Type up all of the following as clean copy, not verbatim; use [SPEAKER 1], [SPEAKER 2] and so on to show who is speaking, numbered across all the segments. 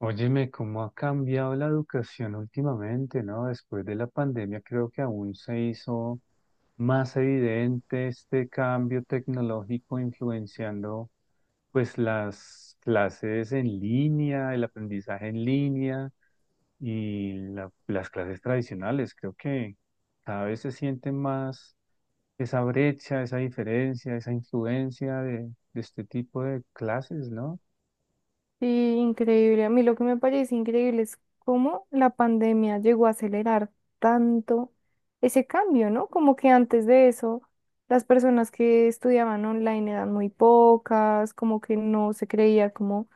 [SPEAKER 1] Óyeme, cómo ha cambiado la educación últimamente, ¿no? Después de la pandemia creo que aún se hizo más evidente este cambio tecnológico influenciando pues las clases en línea, el aprendizaje en línea y las clases tradicionales. Creo que cada vez se siente más esa brecha, esa diferencia, esa influencia de este tipo de clases, ¿no?
[SPEAKER 2] Sí, increíble. A mí lo que me parece increíble es cómo la pandemia llegó a acelerar tanto ese cambio, ¿no? Como que antes de eso, las personas que estudiaban online eran muy pocas, como que no se creía como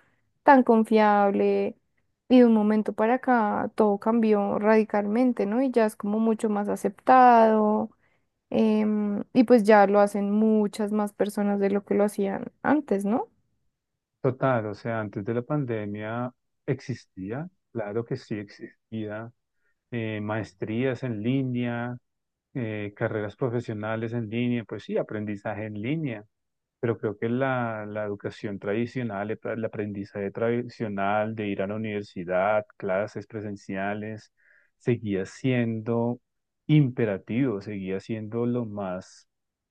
[SPEAKER 2] tan confiable. Y de un momento para acá todo cambió radicalmente, ¿no? Y ya es como mucho más aceptado. Y pues ya lo hacen muchas más personas de lo que lo hacían antes, ¿no?
[SPEAKER 1] Total, o sea, antes de la pandemia existía, claro que sí existía, maestrías en línea, carreras profesionales en línea, pues sí, aprendizaje en línea, pero creo que la educación tradicional, el aprendizaje tradicional de ir a la universidad, clases presenciales, seguía siendo imperativo, seguía siendo lo más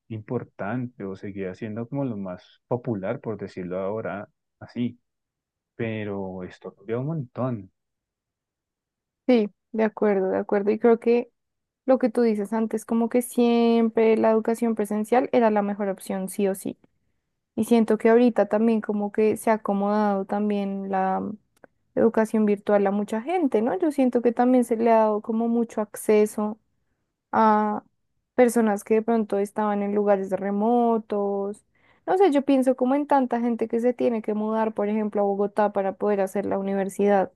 [SPEAKER 1] importante o seguía siendo como lo más popular, por decirlo ahora así pero estornudeó un montón.
[SPEAKER 2] Sí, de acuerdo, de acuerdo. Y creo que lo que tú dices antes, como que siempre la educación presencial era la mejor opción, sí o sí. Y siento que ahorita también como que se ha acomodado también la educación virtual a mucha gente, ¿no? Yo siento que también se le ha dado como mucho acceso a personas que de pronto estaban en lugares remotos. No sé, yo pienso como en tanta gente que se tiene que mudar, por ejemplo, a Bogotá para poder hacer la universidad,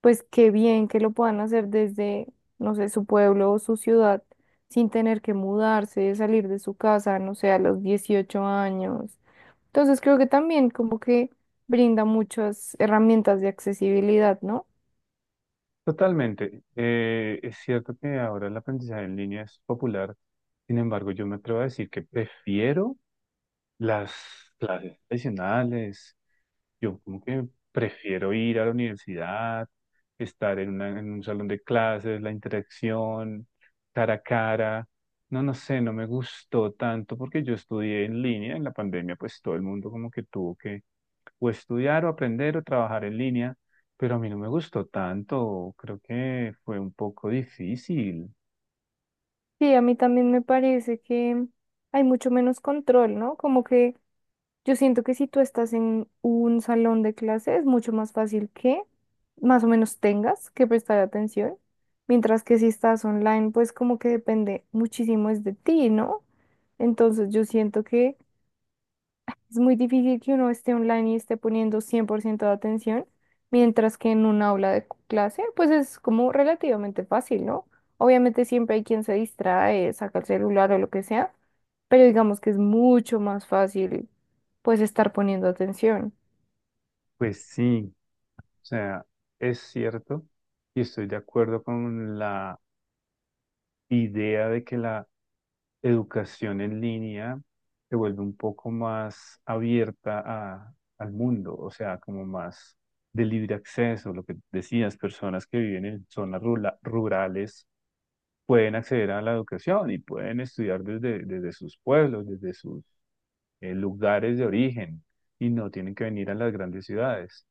[SPEAKER 2] pues qué bien que lo puedan hacer desde, no sé, su pueblo o su ciudad, sin tener que mudarse, salir de su casa, no sé, a los 18 años. Entonces creo que también como que brinda muchas herramientas de accesibilidad, ¿no?
[SPEAKER 1] Totalmente. Es cierto que ahora el aprendizaje en línea es popular, sin embargo, yo me atrevo a decir que prefiero las clases tradicionales. Yo como que prefiero ir a la universidad, estar en, en un salón de clases, la interacción, cara a cara. No, no sé, no me gustó tanto porque yo estudié en línea en la pandemia, pues todo el mundo como que tuvo que o estudiar o aprender o trabajar en línea, pero a mí no me gustó tanto, creo que fue un poco difícil.
[SPEAKER 2] Sí, a mí también me parece que hay mucho menos control, ¿no? Como que yo siento que si tú estás en un salón de clase es mucho más fácil que más o menos tengas que prestar atención, mientras que si estás online, pues como que depende muchísimo es de ti, ¿no? Entonces yo siento que es muy difícil que uno esté online y esté poniendo 100% de atención, mientras que en un aula de clase, pues es como relativamente fácil, ¿no? Obviamente siempre hay quien se distrae, saca el celular o lo que sea, pero digamos que es mucho más fácil, pues, estar poniendo atención.
[SPEAKER 1] Pues sí, o sea, es cierto y estoy de acuerdo con la idea de que la educación en línea se vuelve un poco más abierta al mundo, o sea, como más de libre acceso, lo que decías, personas que viven en zonas rurales pueden acceder a la educación y pueden estudiar desde sus pueblos, desde sus lugares de origen y no tienen que venir a las grandes ciudades.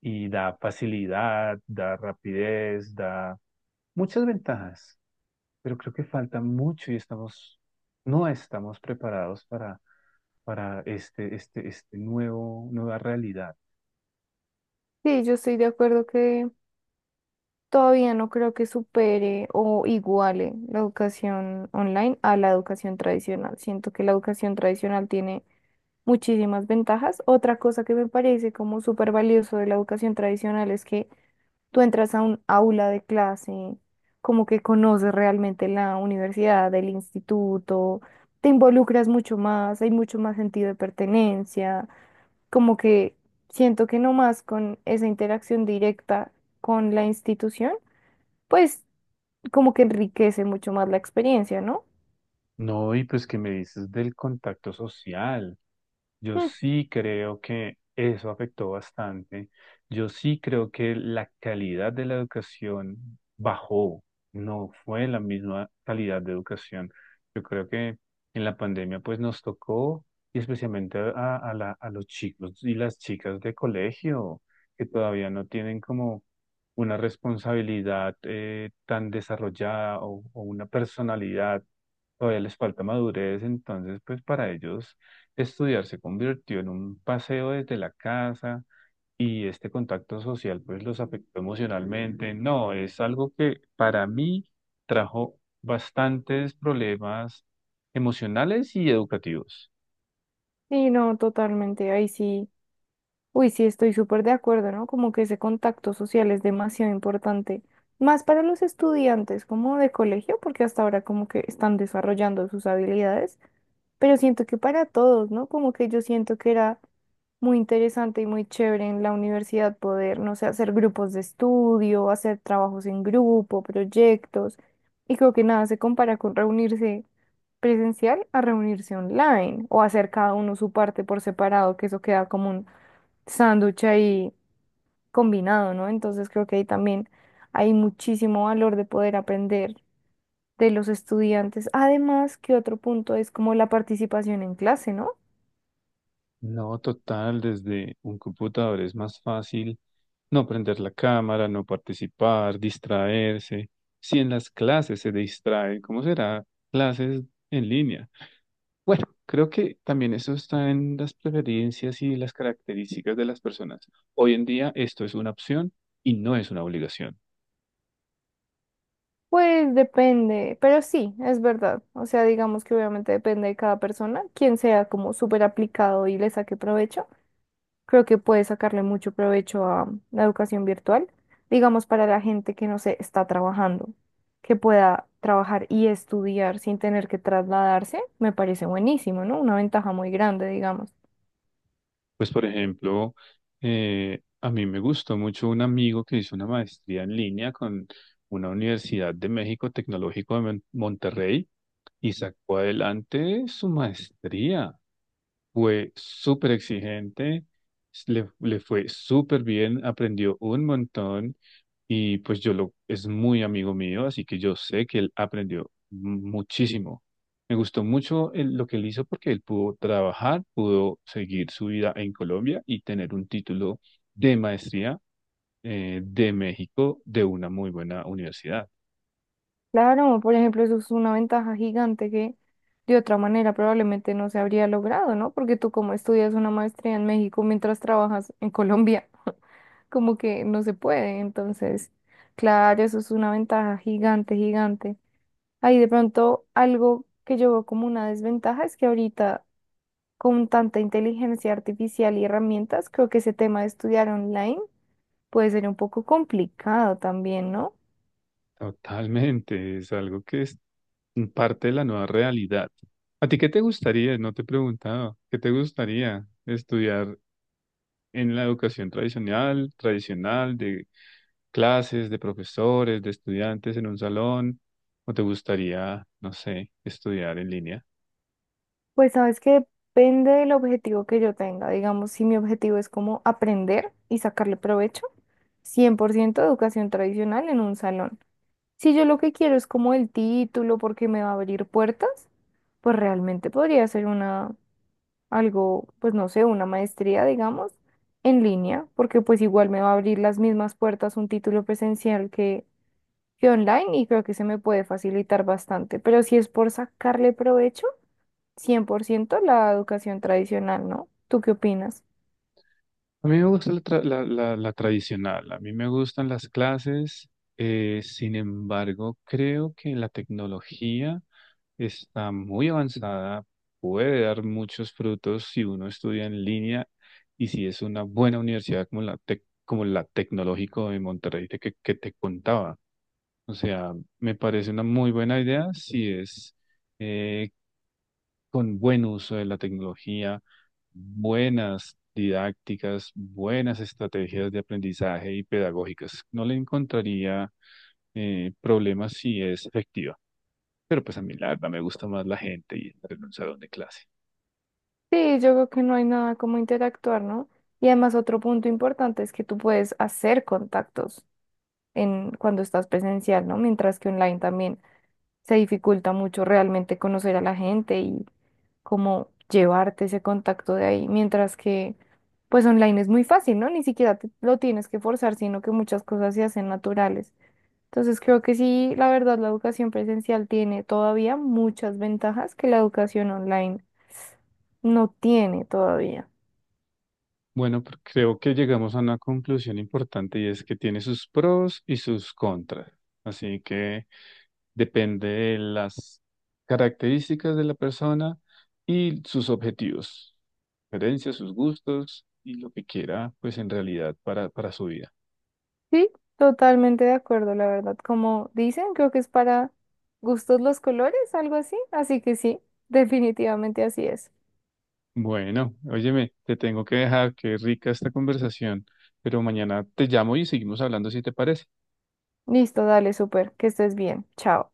[SPEAKER 1] Y da facilidad, da rapidez, da muchas ventajas pero creo que falta mucho y estamos, no estamos preparados para este nuevo, nueva realidad.
[SPEAKER 2] Sí, yo estoy de acuerdo que todavía no creo que supere o iguale la educación online a la educación tradicional. Siento que la educación tradicional tiene muchísimas ventajas. Otra cosa que me parece como súper valioso de la educación tradicional es que tú entras a un aula de clase, como que conoces realmente la universidad, el instituto, te involucras mucho más, hay mucho más sentido de pertenencia, como que siento que no más con esa interacción directa con la institución, pues como que enriquece mucho más la experiencia, ¿no?
[SPEAKER 1] No, y pues qué me dices del contacto social. Yo
[SPEAKER 2] Mm.
[SPEAKER 1] sí creo que eso afectó bastante. Yo sí creo que la calidad de la educación bajó. No fue la misma calidad de educación. Yo creo que en la pandemia pues nos tocó, y especialmente a a los chicos y las chicas de colegio, que todavía no tienen como una responsabilidad tan desarrollada o una personalidad. Todavía les falta madurez, entonces pues para ellos estudiar se convirtió en un paseo desde la casa y este contacto social pues los afectó emocionalmente. No, es algo que para mí trajo bastantes problemas emocionales y educativos.
[SPEAKER 2] Sí, no, totalmente, ahí sí. Uy, sí, estoy súper de acuerdo, ¿no? Como que ese contacto social es demasiado importante, más para los estudiantes como de colegio, porque hasta ahora como que están desarrollando sus habilidades, pero siento que para todos, ¿no? Como que yo siento que era muy interesante y muy chévere en la universidad poder, no sé, hacer grupos de estudio, hacer trabajos en grupo, proyectos, y creo que nada se compara con reunirse presencial a reunirse online o hacer cada uno su parte por separado, que eso queda común sándwich ahí combinado, ¿no? Entonces creo que ahí también hay muchísimo valor de poder aprender de los estudiantes. Además, que otro punto es como la participación en clase, ¿no?
[SPEAKER 1] No, total, desde un computador es más fácil no prender la cámara, no participar, distraerse. Si en las clases se distrae, ¿cómo será clases en línea? Bueno, creo que también eso está en las preferencias y las características de las personas. Hoy en día esto es una opción y no es una obligación.
[SPEAKER 2] Pues depende, pero sí, es verdad. O sea, digamos que obviamente depende de cada persona, quien sea como súper aplicado y le saque provecho. Creo que puede sacarle mucho provecho a la educación virtual, digamos para la gente que no se está trabajando, que pueda trabajar y estudiar sin tener que trasladarse, me parece buenísimo, ¿no? Una ventaja muy grande, digamos.
[SPEAKER 1] Pues, por ejemplo, a mí me gustó mucho un amigo que hizo una maestría en línea con una Universidad de México Tecnológico de Monterrey y sacó adelante su maestría. Fue súper exigente, le fue súper bien, aprendió un montón. Y pues es muy amigo mío, así que yo sé que él aprendió muchísimo. Me gustó mucho lo que él hizo porque él pudo trabajar, pudo seguir su vida en Colombia y tener un título de maestría de México, de una muy buena universidad.
[SPEAKER 2] Claro, por ejemplo, eso es una ventaja gigante que de otra manera probablemente no se habría logrado, ¿no? Porque tú como estudias una maestría en México mientras trabajas en Colombia, como que no se puede, entonces, claro, eso es una ventaja gigante, gigante. Ahí de pronto algo que yo veo como una desventaja es que ahorita con tanta inteligencia artificial y herramientas, creo que ese tema de estudiar online puede ser un poco complicado también, ¿no?
[SPEAKER 1] Totalmente, es algo que es parte de la nueva realidad. ¿A ti qué te gustaría? No te he preguntado. ¿Qué te gustaría estudiar en la educación tradicional, de clases, de profesores, de estudiantes en un salón, o te gustaría, no sé, estudiar en línea?
[SPEAKER 2] Pues sabes que depende del objetivo que yo tenga. Digamos, si mi objetivo es como aprender y sacarle provecho, 100% educación tradicional en un salón. Si yo lo que quiero es como el título porque me va a abrir puertas, pues realmente podría ser una, algo, pues no sé, una maestría, digamos, en línea, porque pues igual me va a abrir las mismas puertas un título presencial que online, y creo que se me puede facilitar bastante. Pero si es por sacarle provecho, 100% la educación tradicional, ¿no? ¿Tú qué opinas?
[SPEAKER 1] A mí me gusta la tradicional, a mí me gustan las clases, sin embargo, creo que la tecnología está muy avanzada, puede dar muchos frutos si uno estudia en línea y si es una buena universidad como como la Tecnológico de Monterrey de que te contaba. O sea, me parece una muy buena idea si es eh, con buen uso de la tecnología, buenas didácticas, buenas estrategias de aprendizaje y pedagógicas. No le encontraría problemas si es efectiva. Pero pues a mí la verdad me gusta más la gente y estar en un salón de clase.
[SPEAKER 2] Sí, yo creo que no hay nada como interactuar, ¿no? Y además otro punto importante es que tú puedes hacer contactos en cuando estás presencial, ¿no? Mientras que online también se dificulta mucho realmente conocer a la gente y como llevarte ese contacto de ahí, mientras que pues online es muy fácil, ¿no? Ni siquiera lo tienes que forzar, sino que muchas cosas se hacen naturales. Entonces creo que sí, la verdad, la educación presencial tiene todavía muchas ventajas que la educación online no tiene todavía.
[SPEAKER 1] Bueno, creo que llegamos a una conclusión importante y es que tiene sus pros y sus contras. Así que depende de las características de la persona y sus objetivos, preferencias, sus gustos y lo que quiera, pues en realidad para su vida.
[SPEAKER 2] Sí, totalmente de acuerdo, la verdad. Como dicen, creo que es para gustos los colores, algo así. Así que sí, definitivamente así es.
[SPEAKER 1] Bueno, óyeme, te tengo que dejar, qué rica esta conversación, pero mañana te llamo y seguimos hablando si te parece.
[SPEAKER 2] Listo, dale, súper, que estés bien. Chao.